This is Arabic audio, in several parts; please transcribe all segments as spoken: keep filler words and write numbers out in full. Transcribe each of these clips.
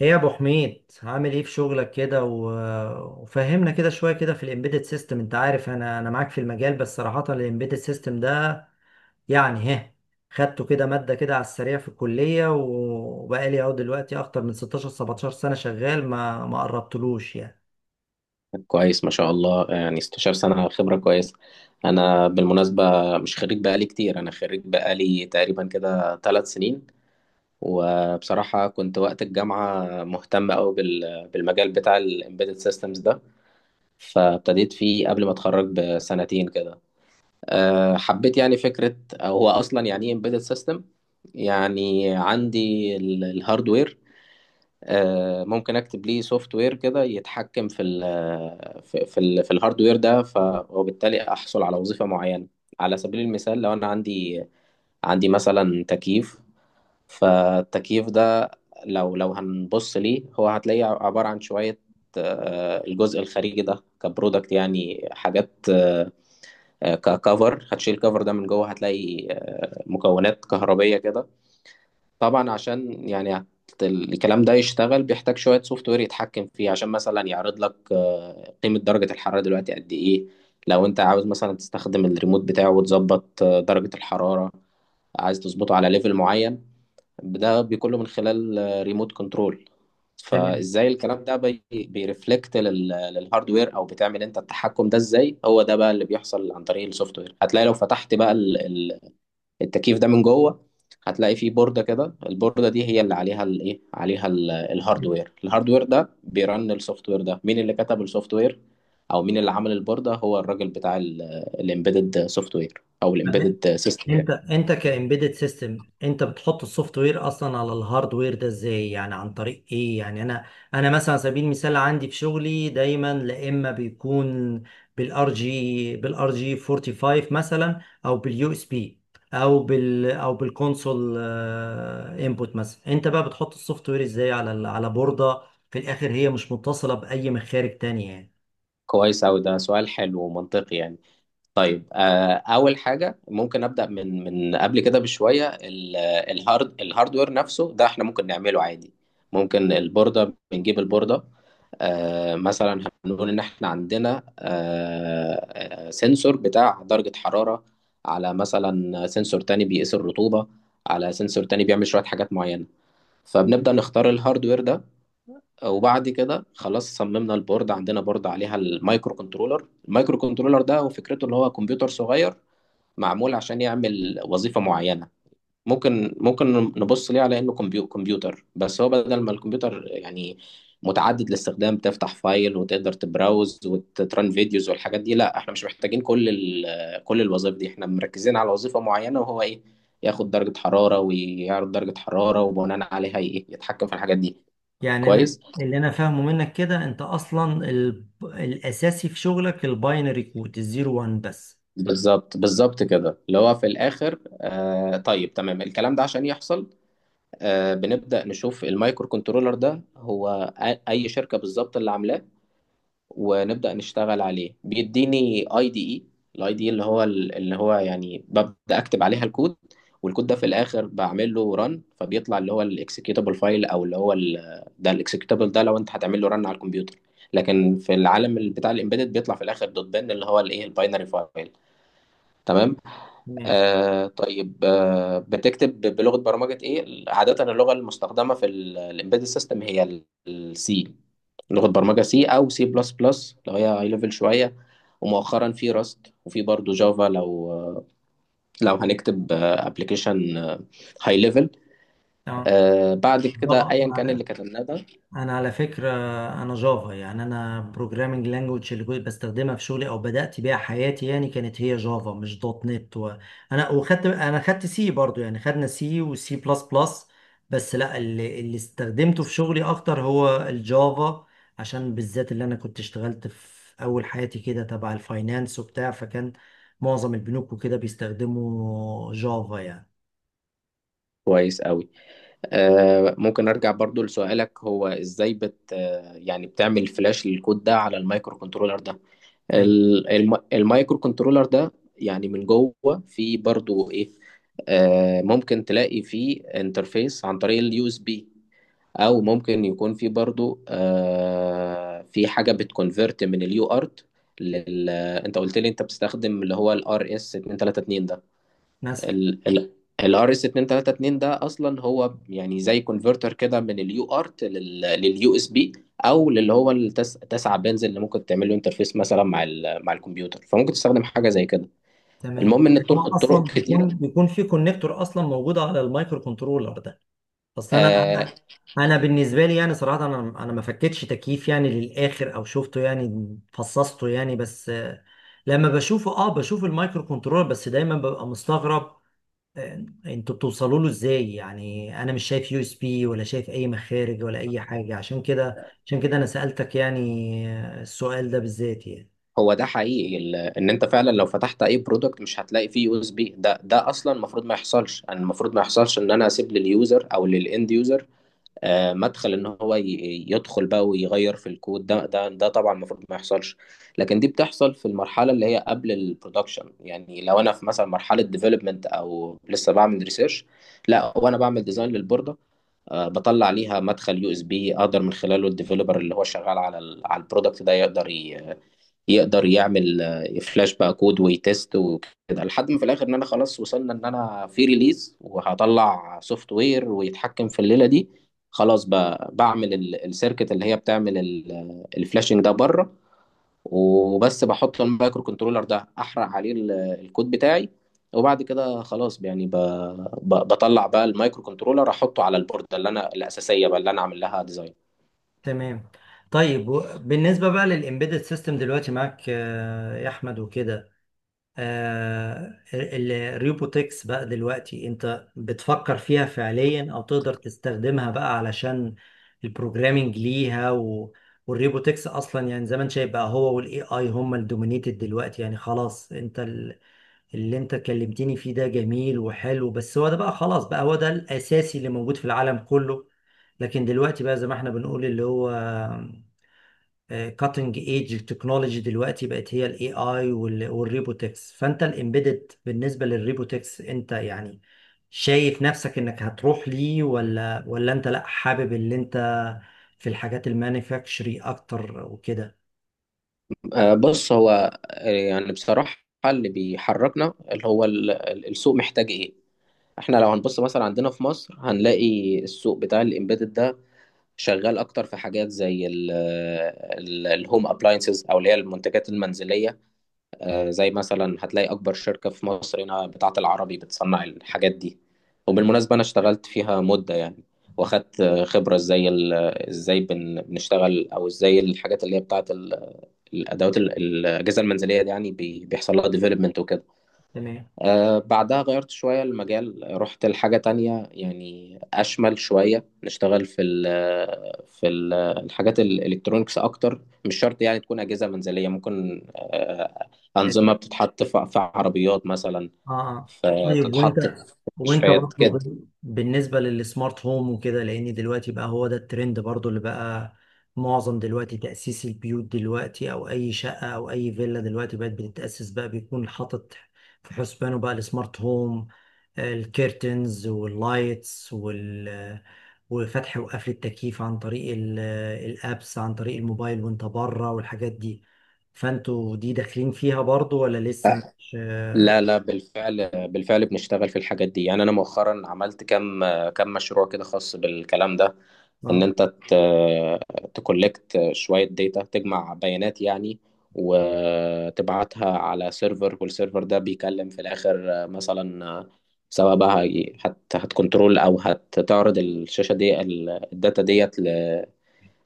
ايه يا ابو حميد، عامل ايه في شغلك كده؟ و... وفهمنا كده شويه كده في الامبيدد سيستم. انت عارف انا انا معاك في المجال، بس صراحه الامبيدد سيستم ده يعني ها خدته كده ماده كده على السريع في الكليه، و- وبقالي اهو دلوقتي اكتر من ستاشر سبعتاشر سنه شغال ما ما قربتلوش يعني. كويس ما شاء الله، يعني 16 سنة خبرة كويسة. أنا بالمناسبة مش خريج بقالي كتير، أنا خريج بقالي تقريبا كده ثلاث سنين. وبصراحة كنت وقت الجامعة مهتم أوي بال- بالمجال بتاع ال Embedded Systems ده، فابتديت فيه قبل ما أتخرج بسنتين كده. أه، حبيت يعني فكرة، أو هو أصلا يعني إيه Embedded System؟ يعني عندي الهاردوير، آه، ممكن اكتب ليه سوفت وير كده يتحكم في ال في في, ال في الهاردوير ده، ف- وبالتالي احصل على وظيفة معينة. على سبيل المثال، لو انا عندي، عندي مثلا تكييف، فالتكييف ده لو لو هنبص ليه، هو هتلاقيه عبارة عن شوية آه، الجزء الخارجي ده كبرودكت، يعني حاجات آه، آه، ككفر. هتشيل الكفر ده من جوه، هتلاقي آه، مكونات كهربية كده. طبعا عشان يعني الكلام ده يشتغل، بيحتاج شوية سوفت وير يتحكم فيه، عشان مثلا يعرض لك آه، قيمة درجة الحرارة دلوقتي قد إيه. لو أنت عاوز مثلا تستخدم الريموت بتاعه وتظبط آه، درجة الحرارة، عايز تظبطه على ليفل معين، ده بيكون له من خلال آه، ريموت كنترول. فإزاي الكلام ده بي- بيرفلكت لل- للهاردوير، أو بتعمل أنت التحكم ده إزاي؟ هو ده بقى اللي بيحصل عن طريق السوفت وير. هتلاقي لو فتحت بقى التكييف ده من جوه، هتلاقي فيه بوردة كده، البوردة دي هي اللي عليها الايه، عليها ال- تمام. الهاردوير. الهاردوير ده بيرن السوفت وير ده. مين اللي كتب السوفت وير او مين اللي عمل البوردة؟ هو الراجل بتاع الامبيدد سوفت وير او الامبيدد سيستم ده. انت انت كامبيدد سيستم، انت بتحط السوفت وير اصلا على الهاردوير ده ازاي يعني؟ عن طريق ايه يعني؟ انا انا مثلا على سبيل المثال عندي في شغلي دايما، لا اما بيكون بالار جي بالار جي خمسه واربعين مثلا، او باليو اس بي، او بال او بالكونسول انبوت مثلا. انت بقى بتحط السوفت وير ازاي على ال- على بوردة في الاخر هي مش متصلة باي مخارج تانية يعني؟ كويس اوي، ده سؤال حلو ومنطقي يعني. طيب آه، اول حاجه ممكن ابدا من من قبل كده بشويه. ال- الهارد الهاردوير نفسه ده احنا ممكن نعمله عادي، ممكن البورده. بنجيب البورده، آه، مثلا هنقول ان احنا عندنا آه، آه، سنسور بتاع درجه حراره، على مثلا سنسور تاني بيقيس الرطوبه، على سنسور تاني بيعمل شويه حاجات معينه. فبنبدا نختار الهاردوير ده، وبعد كده خلاص صممنا البورد. عندنا بورد عليها المايكرو كنترولر. المايكرو كنترولر ده وفكرته اللي هو كمبيوتر صغير معمول عشان يعمل وظيفة معينة. ممكن ممكن نبص ليه على انه كمبيو- كمبيوتر، بس هو بدل ما الكمبيوتر يعني متعدد الاستخدام، تفتح فايل وتقدر تبراوز وتران فيديوز والحاجات دي، لا، احنا مش محتاجين كل ال- كل الوظائف دي، احنا مركزين على وظيفة معينة، وهو ايه؟ ياخد درجة حرارة ويعرض درجة حرارة، وبناء عليها ايه، يتحكم في الحاجات دي. يعني اللي كويس. اللي انا فاهمه منك كده، انت اصلا ال... الاساسي في شغلك الباينري كود الزيرو وان بس. بالظبط بالظبط كده، اللي هو في الاخر. آه طيب تمام، الكلام ده عشان يحصل، آه بنبدا نشوف المايكرو كنترولر ده هو أ- اي شركه بالظبط اللي عاملاه، ونبدا نشتغل عليه. بيديني اي دي اي، الاي دي اللي هو اللي هو يعني ببدا اكتب عليها الكود، والكود ده في الاخر بعمل له ران، فبيطلع اللي هو الاكسكيوتابل فايل، او اللي هو ال- ده الاكسكيوتابل ده لو انت هتعمل له ران على الكمبيوتر، لكن في العالم بتاع الامبيدد بيطلع في الاخر دوت بن، اللي هو الايه، الباينري فايل. تمام. تمام. آه طيب، آه بتكتب بلغة برمجة ايه؟ عادة اللغة المستخدمة في الامبيدد سيستم هي السي، لغة برمجة سي او سي بلس بلس لو هي هاي ليفل شوية، ومؤخرا في راست وفي برضه جافا لو لو هنكتب ابلكيشن هاي ليفل. اه، بعد كده ايا كان بالظبط. اللي كتبناه ده. انا على فكره، انا جافا يعني، انا بروجرامنج لانجوج اللي كنت بستخدمها في شغلي او بدات بيها حياتي يعني، كانت هي جافا مش دوت نت. و... انا وخدت انا خدت سي برضو يعني، خدنا سي وسي بلس بلس، بس لا، اللي, اللي استخدمته في شغلي اكتر هو الجافا، عشان بالذات اللي انا كنت اشتغلت في اول حياتي كده تبع الفاينانس وبتاع، فكان معظم البنوك وكده بيستخدموا جافا يعني. كويس قوي. آه ممكن ارجع برضو لسؤالك، هو ازاي بت آه، يعني بتعمل فلاش للكود ده على المايكرو كنترولر ده؟ فاهم؟ ال- الم- المايكرو كنترولر ده يعني من جوه فيه برضو ايه، آه ممكن تلاقي فيه انترفيس عن طريق اليو اس بي، او ممكن يكون فيه برضو آه في حاجه بتكونفرت من اليو ارت لل آه، انت قلت لي انت بتستخدم اللي هو الار اس اتنين تلاتة اتنين ده. ناس. الار اس اتنين تلاتة اتنين ده اصلا هو يعني زي كونفرتر كده من اليو ارت لليو اس بي، او للي هو التس... تسعة بنز، اللي ممكن تعمل له انترفيس مثلا مع ال... مع الكمبيوتر، فممكن تستخدم حاجه زي كده. تمام. المهم ان الطرق، هو اصلا الطرق كتيره. بيكون بيكون في كونكتور اصلا موجود على المايكرو كنترولر ده. اصل انا آه انا أنا بالنسبه لي يعني صراحه، انا انا ما فكتش تكييف يعني للاخر او شفته يعني فصصته يعني، بس آه، لما بشوفه، اه بشوف المايكرو كنترولر بس، دايما ببقى مستغرب. آه، انتوا بتوصلوا له ازاي يعني؟ انا مش شايف يو اس بي، ولا شايف اي مخارج، ولا اي حاجه. عشان كده عشان كده انا سالتك يعني، آه، السؤال ده بالذات يعني. هو ده حقيقي، ال... ان انت فعلا لو فتحت اي برودكت مش هتلاقي فيه يو اس بي. ده ده اصلا المفروض ما يحصلش، انا المفروض ما يحصلش ان انا اسيب لليوزر او للاند يوزر آه، مدخل ان هو ي- يدخل بقى ويغير في الكود ده ده ده طبعا المفروض ما يحصلش، لكن دي بتحصل في المرحله اللي هي قبل البرودكشن. يعني لو انا في مثلا مرحله ديفلوبمنت او لسه بعمل ريسيرش، لا وانا بعمل ديزاين للبورده، آه، بطلع ليها مدخل يو اس بي، اقدر من خلاله الديفلوبر اللي هو شغال على ال على البرودكت ده يقدر ي- يقدر يعمل آه، فلاش بقى كود ويتست وكده، لحد ما في الاخر ان انا خلاص وصلنا ان انا في ريليز وهطلع سوفت وير ويتحكم في الليله دي. خلاص بقى بعمل ال- السيركت اللي هي بتعمل ال- الفلاشنج ده بره، وبس بحط المايكرو كنترولر ده، احرق عليه ال- الكود بتاعي، وبعد كده خلاص يعني ب- ب- بطلع بقى المايكرو كنترولر احطه على البوردة اللي انا الاساسيه بقى اللي انا عامل لها ديزاين. تمام. طيب، و- بالنسبة بقى للإمبيدد سيستم دلوقتي معاك آه، يا أحمد وكده، آه، ال- الريبوتكس بقى دلوقتي أنت بتفكر فيها فعليا، أو تقدر تستخدمها بقى علشان البروجرامينج ليها و... والريبوتكس أصلا، يعني زي ما أنت شايف بقى هو وال إيه آي هم الدومينيتد دلوقتي يعني. خلاص، أنت اللي انت كلمتني فيه ده جميل وحلو، بس هو ده بقى خلاص، بقى هو ده الأساسي اللي موجود في العالم كله. لكن دلوقتي بقى زي ما احنا بنقول، اللي هو كاتنج ايدج تكنولوجي دلوقتي، بقت هي الاي اي والريبوتكس. فانت الامبيدد بالنسبة للريبوتكس انت يعني شايف نفسك انك هتروح ليه، ولا ولا انت لا، حابب اللي انت في الحاجات المانيفاكتشري اكتر وكده؟ آه، بص، هو آه، يعني بصراحة اللي بيحركنا اللي هو ال- ال- السوق محتاج ايه. احنا لو هنبص مثلا عندنا في مصر، هنلاقي السوق بتاع الامبيدد ده شغال اكتر في حاجات زي الهوم ابلاينسز، او اللي هي المنتجات المنزلية. آه، زي مثلا هتلاقي أكبر شركة في مصر هنا بتاعة العربي بتصنع الحاجات دي، وبالمناسبة أنا اشتغلت فيها مدة يعني، واخدت آه، خبرة ازاي ال- ازاي بن- بنشتغل، أو ازاي الحاجات اللي هي بتاعة ال- الأدوات ال- الأجهزة المنزلية دي يعني بي- بيحصل لها ديفلوبمنت وكده. تمام. آه، بعدها غيرت شوية المجال، رحت لحاجة تانية يعني أشمل شوية، نشتغل في ال في ال الحاجات الإلكترونيكس أكتر، مش شرط يعني تكون أجهزة منزلية. ممكن آه، أنظمة بتتحط في في عربيات مثلا، اه. آه. في- طيب وانت تتحط في وانت مستشفيات برضو كده. بال- بالنسبه للسمارت هوم وكده، لان دلوقتي بقى هو ده الترند برضو، اللي بقى معظم دلوقتي تاسيس البيوت دلوقتي، او اي شقه او اي فيلا دلوقتي بقت بتتاسس بقى، بيكون حاطط في حسبانه بقى السمارت هوم، آه، الكيرتنز واللايتس، وال وفتح وقفل التكييف عن طريق ال- الابس، عن طريق الموبايل وانت بره، والحاجات دي. فانتوا دي داخلين فيها برضو ولا لسه آه، مش اه؟ لا لا، بالفعل بالفعل بنشتغل في الحاجات دي. يعني أنا مؤخرا عملت كم كم مشروع كده خاص بالكلام ده، ان آه. انت تكولكت شوية داتا، تجمع بيانات يعني، وتبعتها على سيرفر، والسيرفر ده بيكلم في الاخر آه، مثلا آه، سواء بقى هي- هت هتكنترول او هتعرض الشاشة دي ال- الداتا ديت ل-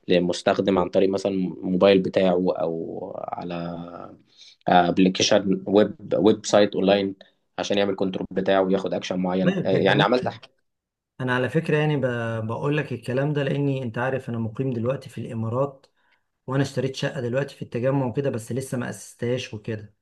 لمستخدم، عن طريق مثلا الموبايل بتاعه، او على ابلكيشن ويب، ويب سايت اونلاين، عشان يعمل كنترول بتاعه وياخد اكشن معين. طيب آه، ده يعني جميل. عملت حاجة. انا على فكره يعني ب- بقول لك الكلام ده، لاني انت عارف انا مقيم دلوقتي في الامارات، وانا اشتريت شقه دلوقتي في التجمع وكده، بس لسه ما اسستهاش وكده.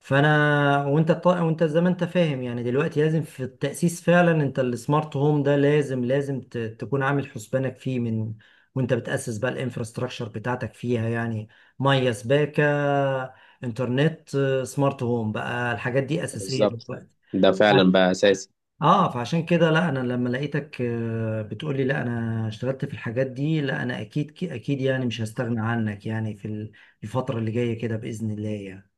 فانا، وانت طا... وانت زي ما انت فاهم يعني، دلوقتي لازم في التاسيس فعلا انت السمارت هوم ده لازم لازم ت... تكون عامل حسبانك فيه من وانت بتاسس بقى الانفراستراكشر بتاعتك فيها يعني. ميه، سباكه، انترنت، آه، سمارت هوم بقى، الحاجات دي اساسيه بالظبط، دلوقتي. ده فعلا بقى اساسي. اه، فعشان كده لا، انا لما لقيتك آه، بتقولي لا انا اشتغلت في الحاجات دي، لا انا اكيد اكيد يعني مش هستغنى عنك يعني في ال- الفترة اللي جاية كده بإذن الله يعني.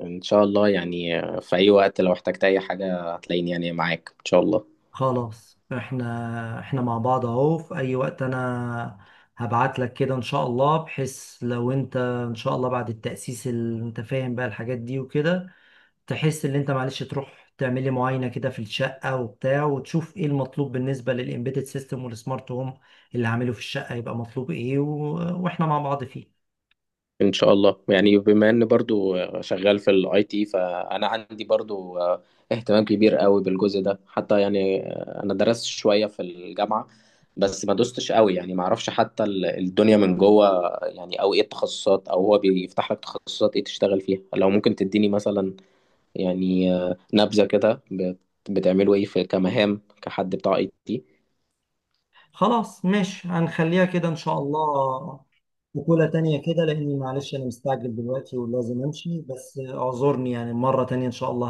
ان شاء الله، يعني في اي وقت لو احتجت اي حاجه هتلاقيني يعني معاك ان شاء الله. خلاص، احنا احنا مع بعض اهو. في اي وقت انا هبعت لك كده ان شاء الله، بحيث لو انت ان شاء الله بعد التأسيس اللي انت فاهم بقى الحاجات دي وكده، تحس ان انت معلش تروح تعملي معاينه كده في الشقه وبتاع، وتشوف ايه المطلوب بالنسبه للامبيدد سيستم والسمارت هوم اللي هعمله في الشقه، يبقى مطلوب ايه و... واحنا مع بعض فيه. ان شاء الله. يعني بما ان برضو شغال في الاي تي، فانا عندي برضو اهتمام كبير قوي بالجزء ده حتى، يعني انا درست شويه في الجامعه بس ما دوستش قوي، يعني ما اعرفش حتى ال- الدنيا من جوه يعني، او ايه التخصصات، او هو بيفتح لك تخصصات ايه تشتغل فيها. لو ممكن تديني مثلا يعني نبذه كده بت- بتعملوا ايه في كمهام كحد بتاع اي تي. خلاص ماشي، هنخليها كده ان شاء الله وكلة تانية كده، لاني معلش انا مستعجل دلوقتي ولازم امشي، بس اعذرني يعني. مره تانية ان شاء الله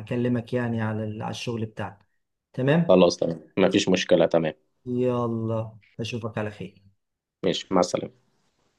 هكلمك يعني على ال- على الشغل بتاعنا. تمام. خلاص تمام، مفيش مشكلة. تمام، يلا اشوفك على خير. ماشي، مع السلامة.